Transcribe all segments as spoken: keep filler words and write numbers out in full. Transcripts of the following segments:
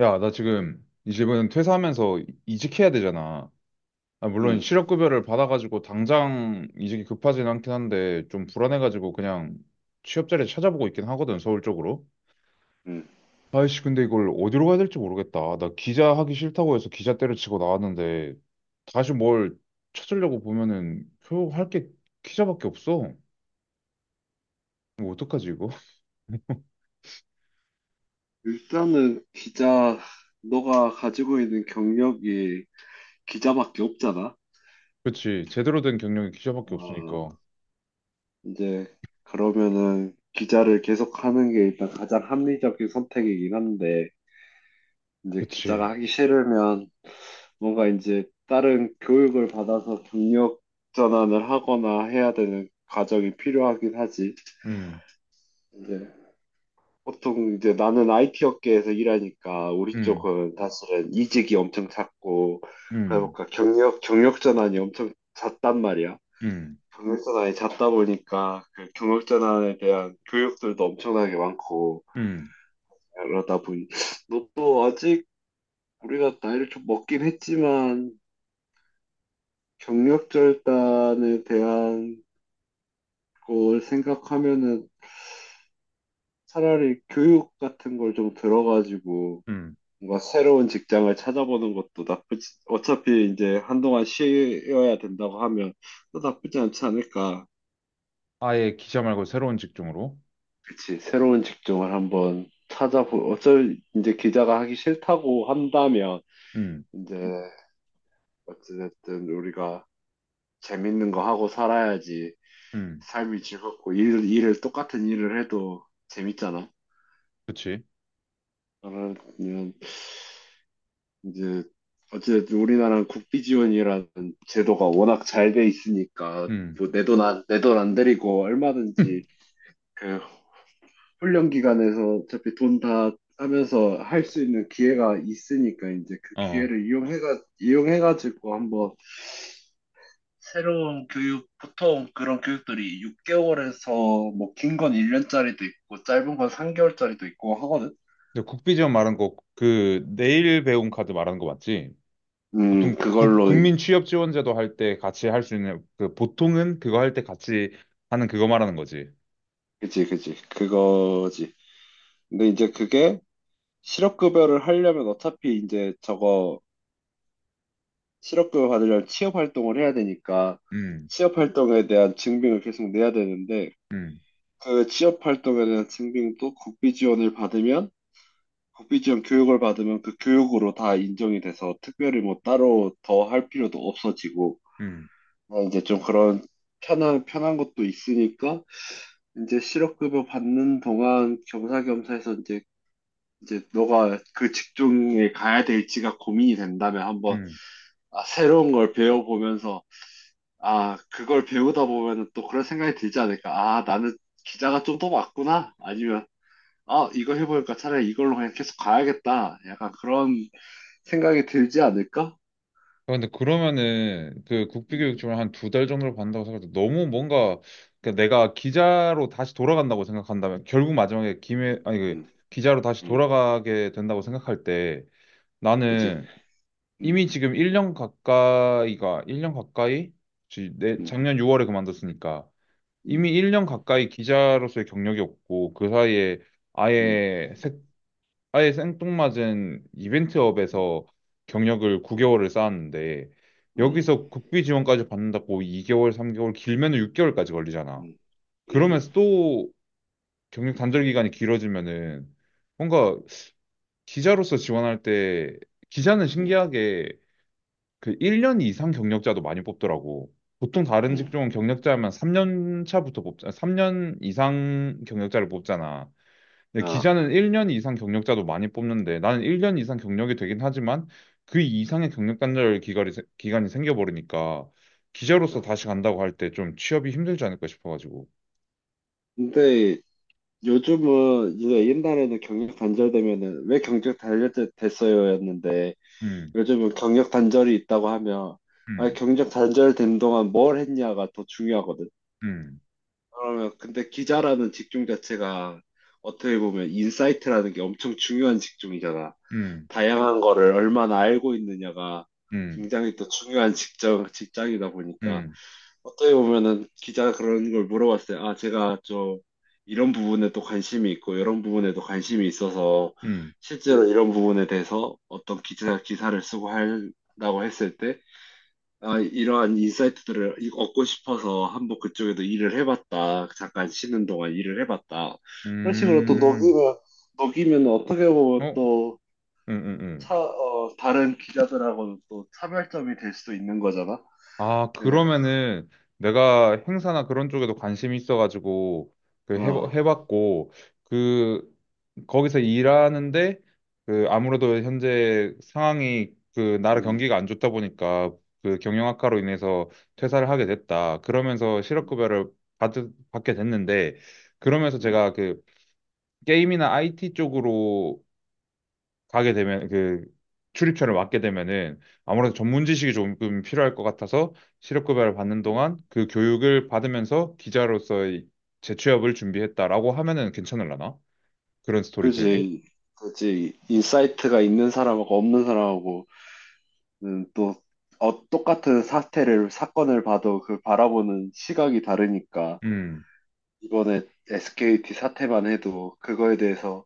야, 나 지금 이집은 퇴사하면서 이- 이직해야 되잖아. 아, 물론 음, 실업급여를 받아가지고 당장 이직이 급하진 않긴 한데 좀 불안해가지고 그냥 취업 자리 찾아보고 있긴 하거든, 서울 쪽으로. 음. 아이씨, 근데 이걸 어디로 가야 될지 모르겠다. 나 기자 하기 싫다고 해서 기자 때려치고 나왔는데 다시 뭘 찾으려고 보면은 할 게 기자밖에 없어. 뭐 어떡하지 이거? 일단은 기자, 너가 가지고 있는 경력이 기자밖에 없잖아. 그치, 제대로 된 경력이 기자밖에 아, 없으니까. 이제 그러면은 기자를 계속 하는 게 일단 가장 합리적인 선택이긴 한데, 이제 기자가 그치. 하기 싫으면 뭔가 이제 다른 교육을 받아서 경력 전환을 하거나 해야 되는 과정이 필요하긴 하지. 음, 이제 보통 이제 나는 아이티 업계에서 일하니까 우리 음, 쪽은 사실은 이직이 엄청 잦고, 음, 그러니까 경력 경력 전환이 엄청 잦단 말이야. 음, 경력 전환이 잦다 보니까 그 경력 전환에 대한 교육들도 엄청나게 많고, 음, 그러다 보니 너도 아직 우리가 나이를 좀 먹긴 했지만 경력 절단에 대한 걸 생각하면은 차라리 교육 같은 걸 좀 들어가지고 음. 뭔가 새로운 직장을 찾아보는 것도 나쁘지, 어차피 이제 한동안 쉬어야 된다고 하면 또 나쁘지 않지 않을까. 아예 기자 말고 새로운 직종으로. 그치, 새로운 직종을 한번 찾아보, 어쩔, 이제 기자가 하기 싫다고 한다면, 음, 이제, 어찌됐든 우리가 재밌는 거 하고 살아야지 음, 삶이 즐겁고, 일, 일을 똑같은 일을 해도 재밌잖아. 그치. 그러면 이제 어쨌든 우리나라는 국비 지원이라는 제도가 워낙 잘 돼 있으니까 음, 뭐 내 돈 안, 내 돈 안 들이고 얼마든지 그 훈련 기간에서 어차피 돈 다 하면서 할 수 있는 기회가 있으니까 이제 그 어. 기회를 이용해가 이용해가지고 한번 새로운 교육, 보통 그런 교육들이 육 개월에서 뭐 긴 건 일 년짜리도 있고 짧은 건 삼 개월짜리도 있고 하거든. 근데 국비지원 말한 거, 그, 내일 배움 카드 말하는 거 맞지? 음, 보통 국, 그걸로. 국민 취업 지원제도 할 때 같이 할 수 있는, 그, 보통은 그거 할 때 같이 하는 그거 말하는 거지. 그지 그지 그거지. 근데 이제 그게 실업급여를 하려면 어차피 이제 저거 실업급여 받으려면 취업활동을 해야 되니까 음, 취업활동에 대한 증빙을 계속 내야 되는데, 음, 그 취업활동에 대한 증빙도 국비지원을 받으면, 국비지원 교육을 받으면 그 교육으로 다 인정이 돼서 특별히 뭐 따로 더 할 필요도 없어지고, 음, 어, 이제 좀 그런 편한 편한 것도 있으니까 이제 실업급여 받는 동안 겸사겸사해서 이제 이제 너가 그 직종에 가야 될지가 고민이 된다면 한번, 음. 아, 새로운 걸 배워보면서, 아, 그걸 배우다 보면 또 그런 생각이 들지 않을까. 아, 나는 기자가 좀 더 맞구나. 아니면, 아, 이거 해보니까 차라리 이걸로 그냥 계속 가야겠다. 약간 그런 생각이 들지 않을까? 아, 근데 그러면은 그 음, 국비교육 지원 한두 달 정도를 받는다고 생각해도 너무 뭔가 그러니까 내가 기자로 다시 돌아간다고 생각한다면 결국 마지막에 음, 김해 아니 그 음, 기자로 다시 음, 돌아가게 된다고 생각할 때 그지? 나는 음, 이미 지금 일 년 가까이가, 일 년 가까이? 지- 내, 음, 작년 유월에 그만뒀으니까. 음, 이미 일 년 가까이 기자로서의 경력이 없고, 그 사이에 음, 아예, 색, 아예 생뚱맞은 음, 이벤트업에서 경력을 음, 구 개월을 쌓았는데, 음, 여기서 국비 지원까지 받는다고 이 개월, 삼 개월, 길면 육 개월까지 걸리잖아. 음, 음, 그러면서 또 경력 단절 기간이 길어지면은, 뭔가 기자로서 지원할 때, 기자는 음, 음. 신기하게 그 일 년 이상 경력자도 많이 뽑더라고. 보통 다른 음. 직종은 경력자면 삼 년 차부터 뽑자, 삼 년 이상 경력자를 뽑잖아. 근데 아, 기자는 일 년 이상 경력자도 많이 뽑는데 나는 일 년 이상 경력이 되긴 하지만 그 이상의 경력 단절 기간이, 세- 기간이 생겨버리니까 아. 기자로서 다시 간다고 할 때 좀 취업이 힘들지 않을까 싶어가지고. 근데 요즘은 이제, 옛날에는 경력 단절되면은 왜 경력 단절됐어요였는데 음, 요즘은 경력 단절이 있다고 하면, 아, 음, 경력 단절된 동안 뭘 했냐가 더 중요하거든. 음, 그러면, 근데 기자라는 직종 자체가 어떻게 보면 인사이트라는 게 엄청 중요한 직종이잖아. 음, 다양한 거를 얼마나 알고 있느냐가 음, 굉장히 또 중요한 직장, 직장이다 보니까 음, 어떻게 보면은, 기자가 그런 걸 물어봤어요. 아, 제가 저 이런 부분에 또 관심이 있고 이런 부분에도 관심이 있어서 음, 실제로 이런 부분에 대해서 어떤 기자 기사를 쓰고 한다고 했을 때, 아, 이러한 인사이트들을 이- 얻고 싶어서 한번 그쪽에도 일을 해봤다. 잠깐 쉬는 동안 일을 해봤다. 그런 식으로 또 음, 녹이면 녹이면 어떻게 보면 어, 또, 음, 음, 음. 차, 어, 다른 기자들하고는 또 차별점이 될 수도 있는 거잖아. 아, 예. 그러면은 내가 행사나 그런 쪽에도 관심이 있어가지고 그 해봐, 어. 해봤고 그 거기서 일하는데 그 아무래도 현재 상황이 그 나라 음. 경기가 안 좋다 보니까 그 경영 악화로 인해서 퇴사를 하게 됐다. 그러면서 음, 실업급여를 받, 받게 됐는데 그러면서 음. 제가 그 게임이나 아이티 쪽으로 가게 되면 그 출입처를 맡게 되면은 아무래도 전문 지식이 조금 필요할 것 같아서 실업급여를 받는 동안 그 교육을 받으면서 기자로서의 재취업을 준비했다라고 하면은 괜찮을라나? 그런 스토리텔링? 그지, 그지. 인사이트가 있는 사람하고 없는 사람하고, 음, 또 어, 똑같은 사태를 사건을 봐도 그 바라보는 시각이 다르니까. 음. 이번에 에스케이티 사태만 해도 그거에 대해서,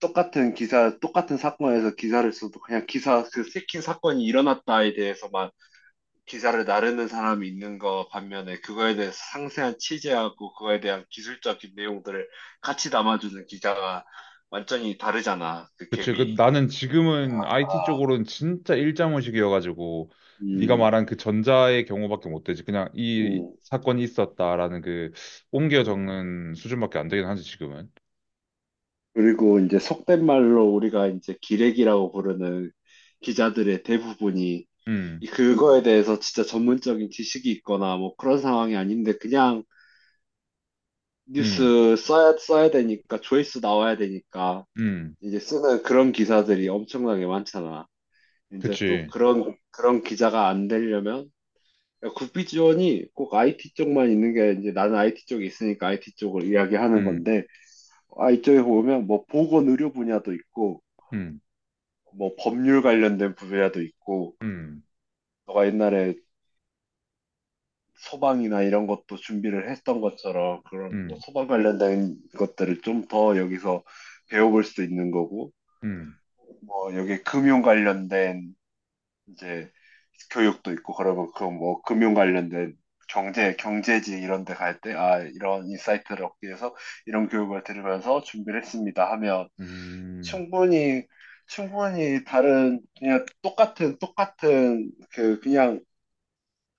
똑같은 기사, 똑같은 사건에서 기사를 써도 그냥 기사 그 새끼 사건이 일어났다에 대해서만 기사를 나르는 사람이 있는 거 반면에 그거에 대해서 상세한 취재하고 그거에 대한 기술적인 내용들을 같이 담아주는 기자가 완전히 다르잖아, 그 그치. 그 갭이. 나는 지금은 아이티 쪽으로는 진짜 일자무식이어가지고 네가 음, 말한 그 전자의 경우밖에 못 되지. 그냥 이 음, 사건이 있었다라는 그 옮겨 음. 적는 수준밖에 안 되긴 하지 지금은. 그리고 이제 속된 말로 우리가 이제 기레기라고 부르는 기자들의 대부분이 이- 음. 그거에 대해서 진짜 전문적인 지식이 있거나 뭐 그런 상황이 아닌데 그냥 음. 뉴스 써야, 써야 되니까, 조회수 나와야 되니까 음. 이제 쓰는 그런 기사들이 엄청나게 많잖아. 이제 또 그치. 그런 그런 기자가 안 되려면, 국비 지원이 꼭 아이티 쪽만 있는 게, 이제 나는 IT 쪽에 있으니까 IT 쪽을 이야기하는 음. 건데, 아이티 쪽에 보면 뭐 보건 의료 분야도 있고, 음. 뭐 법률 관련된 분야도 있고, 음, 너가 옛날에 소방이나 이런 것도 준비를 했던 것처럼 그런 뭐 음, 소방 관련된 것들을 좀 더 여기서 배워볼 수 있는 거고, 음, 뭐 여기 금융 관련된 이제 교육도 있고, 그러고 그뭐 금융 관련된 경제, 경제지 이런 데 갈 때 아 이런 인사이트를 얻기 위해서 이런 교육을 들으면서 준비를 했습니다 하면, 음, 충분히 충분히 다른 그냥 똑같은 똑같은 그 그냥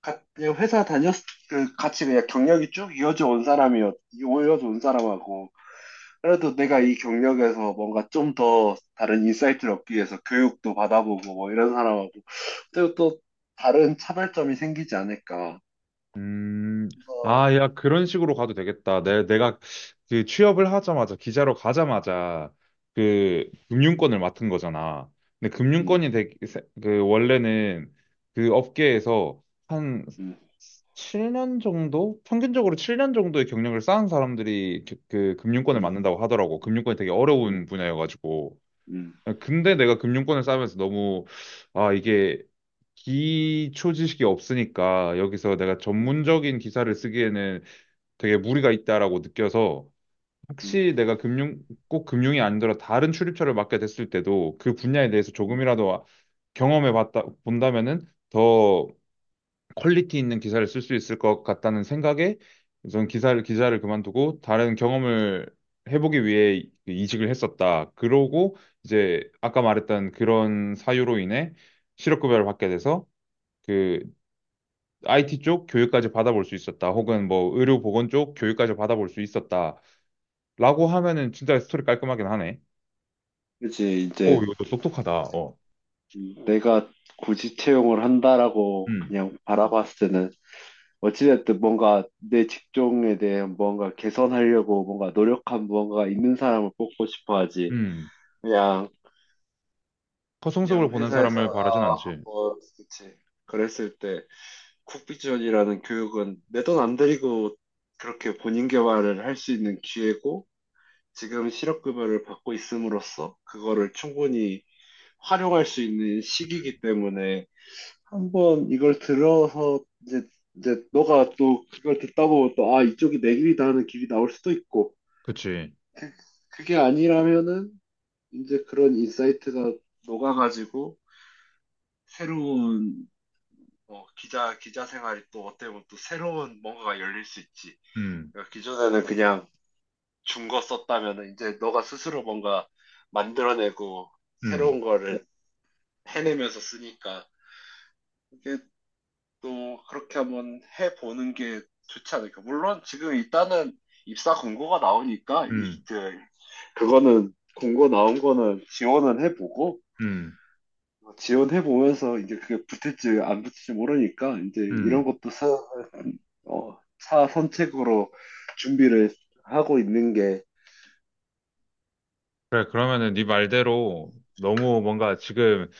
가- 그냥 회사 다녔 그 같이 그냥 경력이 쭉 이어져 온 사람이었 이어져 온 사람하고, 그래도 내가 이 경력에서 뭔가 좀 더 다른 인사이트를 얻기 위해서 교육도 받아보고 뭐 이런 사람하고 그리고 또 다른 차별점이 생기지 않을까. 음. 그래서. 아, 야, 그런 식으로 가도 되겠다. 내, 내가 그 취업을 하자마자, 기자로 가자마자 그 금융권을 맡은 거잖아. 근데 음, 금융권이 되게, 세- 그 원래는 그 업계에서 한 음, 칠 년 정도? 평균적으로 칠 년 정도의 경력을 쌓은 사람들이 그, 그 금융권을 음, 맡는다고 하더라고. 금융권이 되게 음, 어려운 분야여가지고. 음, 아, 근데 내가 금융권을 쌓으면서 너무 아 이게 기초 지식이 없으니까 여기서 내가 음, 전문적인 기사를 쓰기에는 되게 무리가 있다라고 느껴서 음, 혹시 내가 금융 꼭 금융이 아니더라 도 다른 출입처를 맡게 됐을 때도 그 분야에 대해서 음. 조금이라도 경험해 봤다 본다면은 더 퀄리티 있는 기사를 쓸 수 있을 것 같다는 생각에 저는 기사를 기자를 그만두고 다른 경험을 해보기 위해 이직을 했었다. 그러고 이제 아까 말했던 그런 사유로 인해 실업급여를 받게 돼서 그 아이티 쪽 교육까지 받아볼 수 있었다. 혹은 뭐 의료보건 쪽 교육까지 받아볼 수 있었다. 라고 하면은 진짜 스토리 깔끔하긴 하네. 그치 오, 이제 이것도 똑똑하다. 어. 내가 굳이 채용을 한다라고 음, 그냥 바라봤을 때는 어찌됐든 뭔가 내 직종에 대해 뭔가 개선하려고 뭔가 노력한 무언가가 있는 사람을 뽑고 싶어 하지. 음. 그냥. 허송세을 그냥 보는 회사에서 사람을 바라진 아 않지. 하고 그치 그랬을 때, 쿡비전이라는 교육은 내 돈 안 들이고 그렇게 본인 개발을 할 수 있는 기회고 지금 실업급여를 받고 있음으로써 그거를 충분히 활용할 수 있는 시기이기 때문에, 한 번 이걸 들어서 이제 이제 너가 또 그걸 듣다 보면 또 아 이쪽이 내 길이다 하는 길이 나올 수도 있고, 그치. 그게 아니라면은 이제 그런 인사이트가 녹아가지고 새로운, 어, 기자, 기자 생활이 또 어떻게 보면 또 새로운 뭔가가 열릴 수 있지. 음, 그러니까 기존에는 그냥 준 거 썼다면은 이제 너가 스스로 뭔가 만들어내고 음, 새로운 거를 해내면서 쓰니까 이게 또 그렇게 한번 해보는 게 좋지 않을까. 물론 지금 일단은 입사 공고가 나오니까 음, 입, 그, 그거는 공고 나온 거는 지원은 해보고, 음, 지원해보면서 이제 그게 붙을지 안 붙을지 모르니까 이제 이런 음. 것도 사, 어, 차 선택으로 준비를 하고 있는 게, 그래, 그러면은 네 말대로 너무 뭔가 지금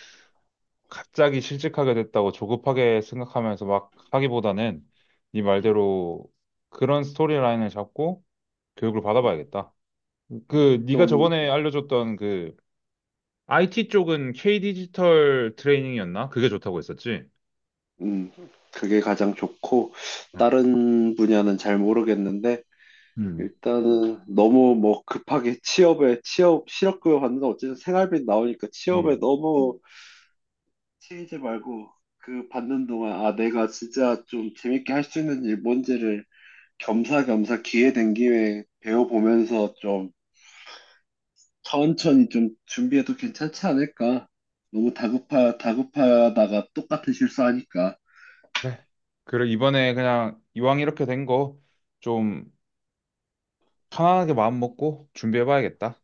갑자기 실직하게 됐다고 조급하게 생각하면서 막 하기보다는 네 말대로 그런 스토리라인을 잡고 교육을 받아봐야겠다. 그 네가 좀, 저번에 알려줬던 그 아이티 쪽은 K 디지털 트레이닝이었나? 그게 좋다고 했었지? 음, 그게 가장 좋고, 응. 다른 분야는 잘 모르겠는데, 음. 일단은 너무 뭐 급하게 취업에, 취업, 실업급여 받는 건 어쨌든 생활비 나오니까 취업에 응. 너무 치이지 말고, 그 받는 동안, 아, 내가 진짜 좀 재밌게 할 수 있는 일 뭔지를 겸사겸사 기회 된 김에 배워보면서 좀 천천히 좀 준비해도 괜찮지 않을까? 너무 다급하, 다급하다가 똑같은 실수하니까. 그래. 그래 이번에 그냥 이왕 이렇게 된 거 좀 편안하게 마음 먹고 준비해봐야겠다.